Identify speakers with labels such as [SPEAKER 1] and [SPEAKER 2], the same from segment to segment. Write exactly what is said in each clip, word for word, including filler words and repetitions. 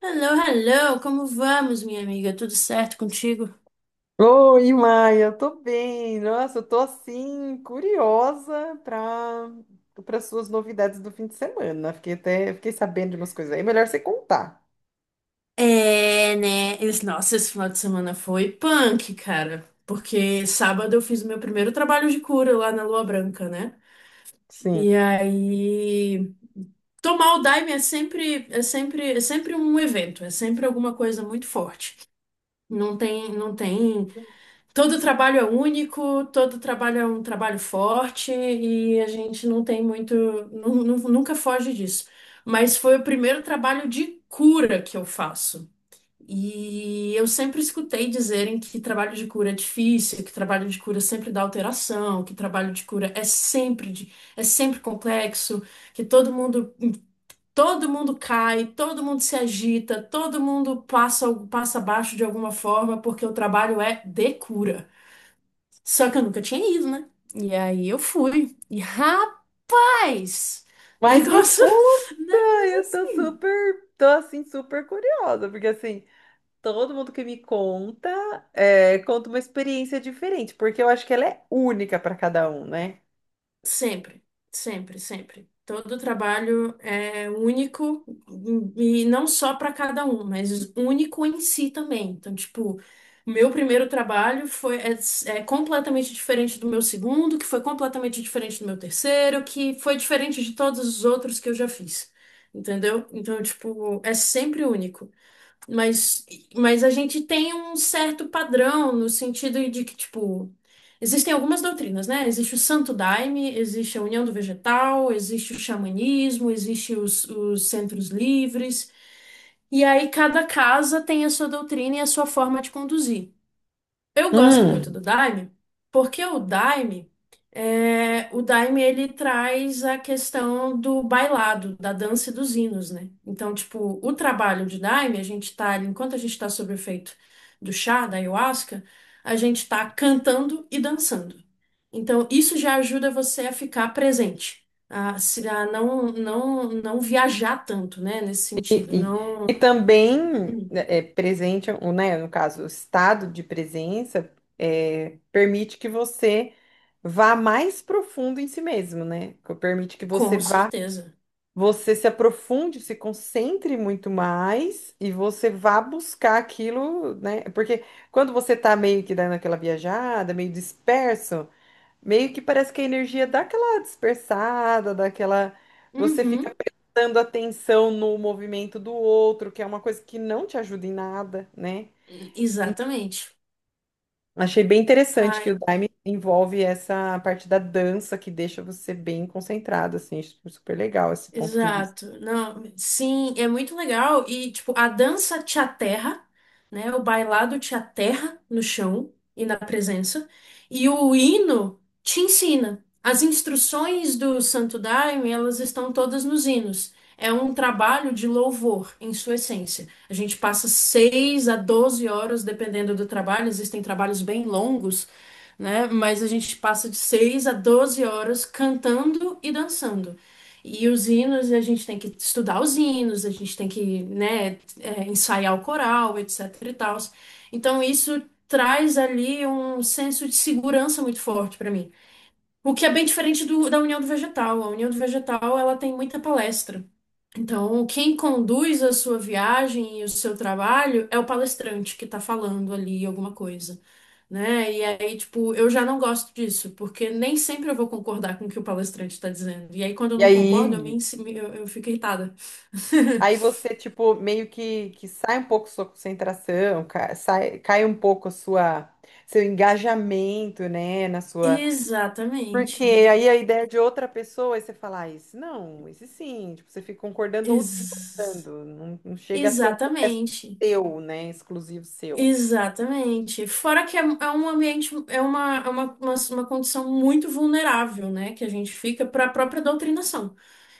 [SPEAKER 1] Hello, hello, como vamos, minha amiga? Tudo certo contigo?
[SPEAKER 2] Oi, Maia, eu tô bem. Nossa, eu tô assim, curiosa para para suas novidades do fim de semana. Fiquei até, fiquei sabendo de umas coisas aí. Melhor você contar.
[SPEAKER 1] É, né? Esse- Nossa, esse final de semana foi punk, cara. Porque sábado eu fiz o meu primeiro trabalho de cura lá na Lua Branca, né?
[SPEAKER 2] Sim.
[SPEAKER 1] E aí, tomar o Daime é sempre, é sempre, é sempre um evento, é sempre alguma coisa muito forte. Não tem, não tem Todo trabalho é único, todo trabalho é um trabalho forte e a gente não tem muito, nu- nu- nunca foge disso. Mas foi o primeiro trabalho de cura que eu faço. E eu sempre escutei dizerem que trabalho de cura é difícil, que trabalho de cura sempre dá alteração, que trabalho de cura é sempre, de- é sempre complexo, que todo mundo, todo mundo cai, todo mundo se agita, todo mundo passa, passa abaixo de alguma forma, porque o trabalho é de cura. Só que eu nunca tinha ido, né? E aí eu fui. E rapaz,
[SPEAKER 2] Mas me
[SPEAKER 1] negócio,
[SPEAKER 2] conta,
[SPEAKER 1] né?
[SPEAKER 2] eu tô
[SPEAKER 1] Assim,
[SPEAKER 2] super, tô assim, super curiosa, porque assim, todo mundo que me conta, é, conta uma experiência diferente, porque eu acho que ela é única para cada um, né?
[SPEAKER 1] sempre, sempre, sempre. Todo trabalho é único e não só para cada um, mas único em si também. Então, tipo, o meu primeiro trabalho foi é, é completamente diferente do meu segundo, que foi completamente diferente do meu terceiro, que foi diferente de todos os outros que eu já fiz. Entendeu? Então, tipo, é sempre único. Mas, mas a gente tem um certo padrão no sentido de que, tipo, existem algumas doutrinas, né? Existe o Santo Daime, existe a União do Vegetal, existe o xamanismo, existe os, os centros livres. E aí cada casa tem a sua doutrina e a sua forma de conduzir. Eu gosto muito
[SPEAKER 2] Hum.
[SPEAKER 1] do Daime, porque o Daime, é, o Daime ele traz a questão do bailado, da dança e dos hinos, né? Então, tipo, o trabalho de Daime, a gente tá ali, enquanto a gente tá sob o efeito do chá, da ayahuasca, a gente tá cantando e dançando. Então, isso já ajuda você a ficar presente, a, se- a não, não, não viajar tanto, né? Nesse
[SPEAKER 2] E,
[SPEAKER 1] sentido,
[SPEAKER 2] e-
[SPEAKER 1] não.
[SPEAKER 2] e também, né, é, presente, ou, né, no caso, o estado de presença é, permite que você vá mais profundo em si mesmo, né? Que permite que você
[SPEAKER 1] Com
[SPEAKER 2] vá,
[SPEAKER 1] certeza.
[SPEAKER 2] você se aprofunde, se concentre muito mais e você vá buscar aquilo, né? Porque quando você tá meio que dando aquela viajada, meio disperso, meio que parece que a energia dá aquela dispersada, daquela. Você fica
[SPEAKER 1] Uhum,
[SPEAKER 2] prestando atenção no movimento do outro, que é uma coisa que não te ajuda em nada, né?
[SPEAKER 1] exatamente.
[SPEAKER 2] Achei bem interessante que o
[SPEAKER 1] Ai,
[SPEAKER 2] Daime envolve essa parte da dança que deixa você bem concentrado, assim, acho super legal esse ponto de vista.
[SPEAKER 1] exato. Não, sim, é muito legal. E, tipo, a dança te aterra, né? O bailado te aterra no chão e na presença. E o hino te ensina. As instruções do Santo Daime, elas estão todas nos hinos. É um trabalho de louvor, em sua essência. A gente passa seis a doze horas, dependendo do trabalho. Existem trabalhos bem longos, né? Mas a gente passa de seis a doze horas cantando e dançando. E os hinos, a gente tem que estudar os hinos, a gente tem que, né, é, ensaiar o coral, etc e tal. Então, isso traz ali um senso de segurança muito forte para mim. O que é bem diferente do, da União do Vegetal. A União do Vegetal, ela tem muita palestra. Então, quem conduz a sua viagem e o seu trabalho é o palestrante que está falando ali alguma coisa, né? E aí, tipo, eu já não gosto disso, porque nem sempre eu vou concordar com o que o palestrante está dizendo. E aí, quando eu
[SPEAKER 2] E
[SPEAKER 1] não concordo, eu me,
[SPEAKER 2] aí,
[SPEAKER 1] ensi- eu, eu fico irritada.
[SPEAKER 2] aí você, tipo, meio que, que sai um pouco sua concentração, cai, sai- cai um pouco a sua, seu engajamento, né, na sua. Porque
[SPEAKER 1] Exatamente.
[SPEAKER 2] aí a ideia de outra pessoa, aí você fala, ah, esse não, esse sim. Tipo, você fica concordando ou
[SPEAKER 1] Ex-
[SPEAKER 2] discordando. Não, não chega a ser um processo
[SPEAKER 1] Exatamente.
[SPEAKER 2] seu, né? Exclusivo seu.
[SPEAKER 1] Exatamente. Fora que é, é um ambiente, é uma, é uma, uma, uma condição muito vulnerável, né? Que a gente fica para a própria doutrinação.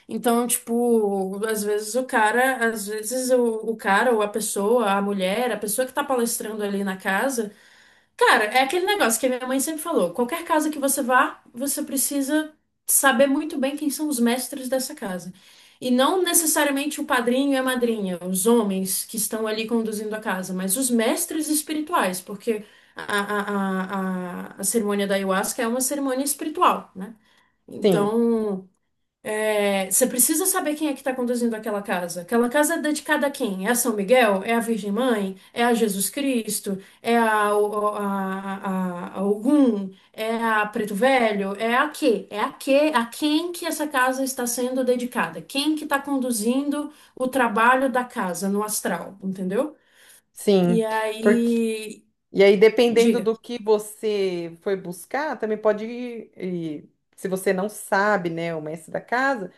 [SPEAKER 1] Então, tipo, às vezes o cara, às vezes o, o cara ou a pessoa, a mulher, a pessoa que tá palestrando ali na casa, cara, é aquele negócio que a minha mãe sempre falou: qualquer casa que você vá, você precisa saber muito bem quem são os mestres dessa casa. E não necessariamente o padrinho e a madrinha, os homens que estão ali conduzindo a casa, mas os mestres espirituais, porque a, a, a, a a cerimônia da ayahuasca é uma cerimônia espiritual, né?
[SPEAKER 2] Sim,
[SPEAKER 1] Então. É, você precisa saber quem é que está conduzindo aquela casa. Aquela casa é dedicada a quem? É a São Miguel? É a Virgem Mãe? É a Jesus Cristo? É a, o- a, a, a Ogum? É a Preto Velho? É a quê? É a quê? A quem que essa casa está sendo dedicada? Quem que está conduzindo o trabalho da casa no astral, entendeu? E
[SPEAKER 2] sim. Porque,
[SPEAKER 1] aí,
[SPEAKER 2] e aí, dependendo
[SPEAKER 1] diga,
[SPEAKER 2] do que você foi buscar, também pode ir. E se você não sabe, né, o mestre da casa,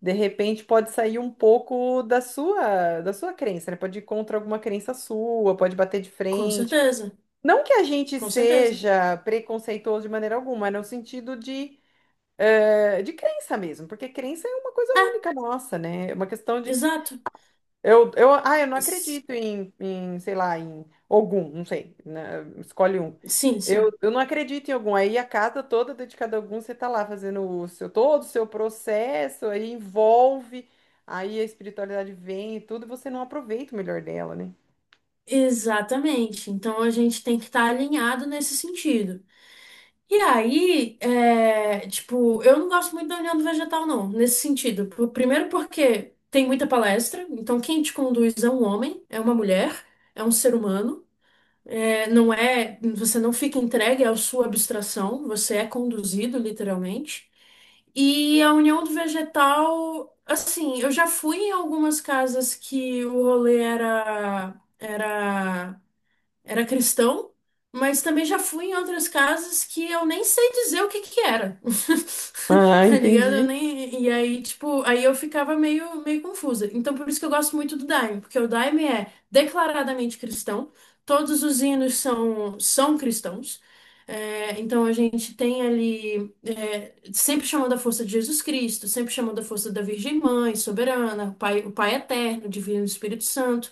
[SPEAKER 2] de repente pode sair um pouco da sua, da sua crença, né? Pode ir contra alguma crença sua, pode bater de
[SPEAKER 1] com
[SPEAKER 2] frente.
[SPEAKER 1] certeza,
[SPEAKER 2] Não que a gente
[SPEAKER 1] com certeza.
[SPEAKER 2] seja preconceituoso de maneira alguma, é no sentido de, eh, de crença mesmo, porque crença é uma coisa
[SPEAKER 1] É,
[SPEAKER 2] única nossa, né? É uma questão de.
[SPEAKER 1] exato.
[SPEAKER 2] Eu, eu, ah, eu não
[SPEAKER 1] S-
[SPEAKER 2] acredito em, em, sei lá, em Ogum, não sei, né? Escolhe um.
[SPEAKER 1] Sim,
[SPEAKER 2] Eu,
[SPEAKER 1] sim.
[SPEAKER 2] eu não acredito em Ogum. Aí a casa toda dedicada a Ogum, você tá lá fazendo o seu, todo o seu processo, aí envolve, aí a espiritualidade vem e tudo, e você não aproveita o melhor dela, né?
[SPEAKER 1] Exatamente. Então a gente tem que estar alinhado nesse sentido. E aí, é, tipo, eu não gosto muito da União do Vegetal, não, nesse sentido. Por- Primeiro porque tem muita palestra, então quem te conduz é um homem, é uma mulher, é um ser humano. É, não é, você não fica entregue à sua abstração, você é conduzido, literalmente. E a União do Vegetal, assim, eu já fui em algumas casas que o rolê era, era era cristão, mas também já fui em outras casas que eu nem sei dizer o que que era.
[SPEAKER 2] Ah,
[SPEAKER 1] Tá ligado? Eu
[SPEAKER 2] entendi.
[SPEAKER 1] nem. E aí, tipo, aí eu ficava meio, meio confusa. Então, por isso que eu gosto muito do Daime, porque o Daime é declaradamente cristão, todos os hinos são, são cristãos. É, então a gente tem ali é, sempre chamando a força de Jesus Cristo, sempre chamando a força da Virgem Mãe, soberana, o Pai, o Pai Eterno, Divino Espírito Santo.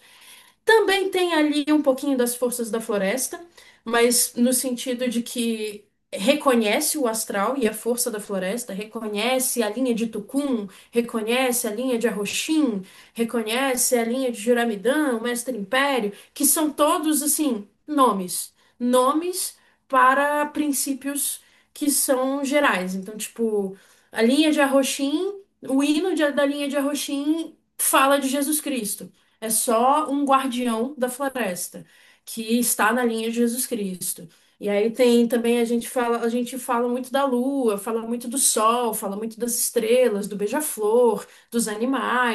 [SPEAKER 1] Também tem ali um pouquinho das forças da floresta, mas no sentido de que reconhece o astral e a força da floresta, reconhece a linha de Tucum, reconhece a linha de Arroxim, reconhece a linha de Juramidã, Mestre Império, que são todos assim nomes, nomes para princípios que são gerais. Então, tipo, a linha de Arroxim, o hino de- da linha de Arroxim fala de Jesus Cristo. É só um guardião da floresta que está na linha de Jesus Cristo. E aí tem também a gente fala, a gente fala muito da lua, fala muito do sol, fala muito das estrelas, do beija-flor, dos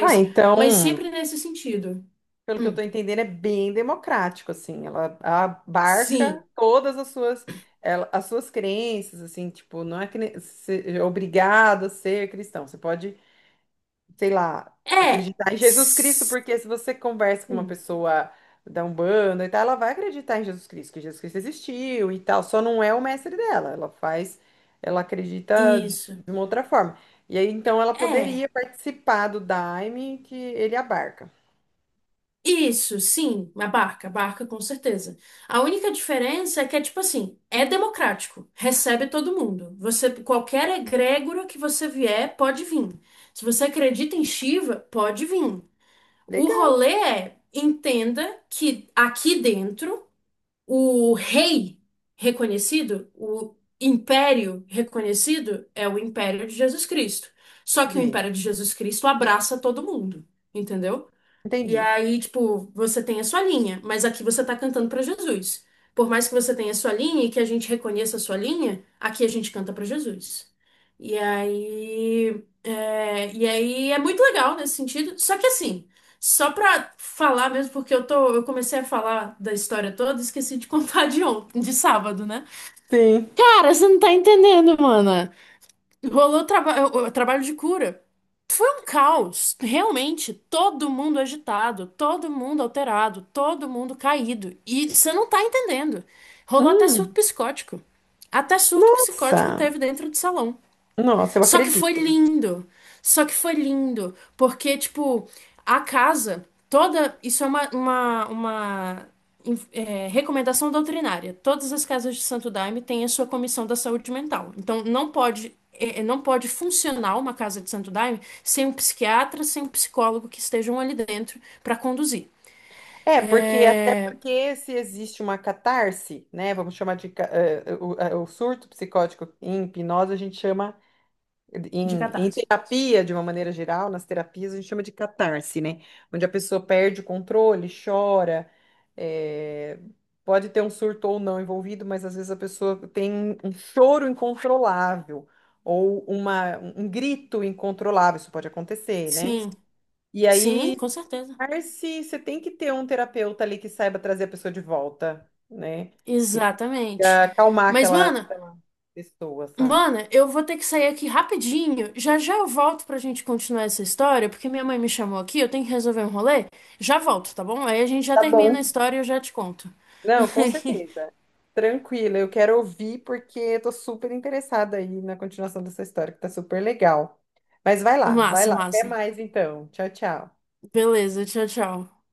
[SPEAKER 2] Ah,
[SPEAKER 1] mas
[SPEAKER 2] então,
[SPEAKER 1] sempre nesse sentido.
[SPEAKER 2] pelo que eu
[SPEAKER 1] Hum,
[SPEAKER 2] estou entendendo, é bem democrático, assim. Ela abarca
[SPEAKER 1] sim.
[SPEAKER 2] todas as suas, ela- as suas crenças, assim, tipo, não é que ne- se- é obrigado a ser cristão. Você pode, sei lá,
[SPEAKER 1] É.
[SPEAKER 2] acreditar em Jesus Cristo,
[SPEAKER 1] Sim.
[SPEAKER 2] porque se você conversa com uma pessoa da Umbanda e tal, ela vai acreditar em Jesus Cristo, que Jesus Cristo existiu e tal, só não é o mestre dela. Ela faz, ela acredita de
[SPEAKER 1] Isso.
[SPEAKER 2] uma outra forma. E aí, então, ela
[SPEAKER 1] É.
[SPEAKER 2] poderia participar do Daime que ele abarca.
[SPEAKER 1] Isso, sim, a barca, a barca com certeza. A única diferença é que é tipo assim, é democrático, recebe todo mundo. Você, qualquer egrégora que você vier, pode vir. Se você acredita em Shiva, pode vir. O
[SPEAKER 2] Legal,
[SPEAKER 1] rolê é, entenda que aqui dentro, o rei reconhecido, o império reconhecido é o império de Jesus Cristo. Só que o
[SPEAKER 2] Di.
[SPEAKER 1] império de Jesus Cristo abraça todo mundo, entendeu? E
[SPEAKER 2] Entendi.
[SPEAKER 1] aí, tipo, você tem a sua linha, mas aqui você tá cantando pra Jesus. Por mais que você tenha a sua linha e que a gente reconheça a sua linha, aqui a gente canta pra Jesus. E aí, é, e aí é muito legal nesse sentido. Só que assim, só pra falar mesmo, porque eu tô, eu comecei a falar da história toda, esqueci de contar de ontem, de sábado, né?
[SPEAKER 2] Sim.
[SPEAKER 1] Cara, você não tá entendendo, mano. Rolou traba o- o trabalho de cura. Foi um caos, realmente. Todo mundo agitado, todo mundo alterado, todo mundo caído. E você não tá entendendo. Rolou até surto
[SPEAKER 2] Hum,
[SPEAKER 1] psicótico. Até surto psicótico
[SPEAKER 2] nossa,
[SPEAKER 1] teve dentro do salão.
[SPEAKER 2] nossa, eu
[SPEAKER 1] Só que foi
[SPEAKER 2] acredito.
[SPEAKER 1] lindo. Só que foi lindo. Porque, tipo, a casa toda. Isso é uma, uma, uma é, recomendação doutrinária. Todas as casas de Santo Daime têm a sua comissão da saúde mental. Então, não pode. é, é, Não pode funcionar uma casa de Santo Daime sem um psiquiatra, sem um psicólogo que estejam ali dentro para conduzir.
[SPEAKER 2] É, porque até
[SPEAKER 1] É,
[SPEAKER 2] porque se existe uma catarse, né? Vamos chamar de ca- eh, o, eh, o surto psicótico em hipnose, a gente chama.
[SPEAKER 1] de
[SPEAKER 2] Em, em
[SPEAKER 1] catarse.
[SPEAKER 2] terapia, de uma maneira geral, nas terapias a gente chama de catarse, né? Onde a pessoa perde o controle, chora, é, pode ter um surto ou não envolvido, mas às vezes a pessoa tem um um choro incontrolável ou uma, um grito incontrolável, isso pode acontecer, né?
[SPEAKER 1] Sim,
[SPEAKER 2] E
[SPEAKER 1] sim,
[SPEAKER 2] aí,
[SPEAKER 1] com certeza.
[SPEAKER 2] catarse, você tem que ter um terapeuta ali que saiba trazer a pessoa de volta, né? Que
[SPEAKER 1] Exatamente.
[SPEAKER 2] consiga acalmar
[SPEAKER 1] Mas,
[SPEAKER 2] aquela
[SPEAKER 1] mano,
[SPEAKER 2] aquela pessoa, sabe?
[SPEAKER 1] Mana, eu vou ter que sair aqui rapidinho. Já já eu volto pra gente continuar essa história, porque minha mãe me chamou aqui, eu tenho que resolver um rolê. Já volto, tá bom? Aí a gente já
[SPEAKER 2] Tá
[SPEAKER 1] termina a
[SPEAKER 2] bom.
[SPEAKER 1] história e eu já te conto.
[SPEAKER 2] Não, com certeza. Tranquila, eu quero ouvir porque eu tô super interessada aí na continuação dessa história, que tá super legal. Mas vai lá, vai
[SPEAKER 1] Massa,
[SPEAKER 2] lá. Até
[SPEAKER 1] massa.
[SPEAKER 2] mais então. Tchau, tchau.
[SPEAKER 1] Beleza, tchau, tchau.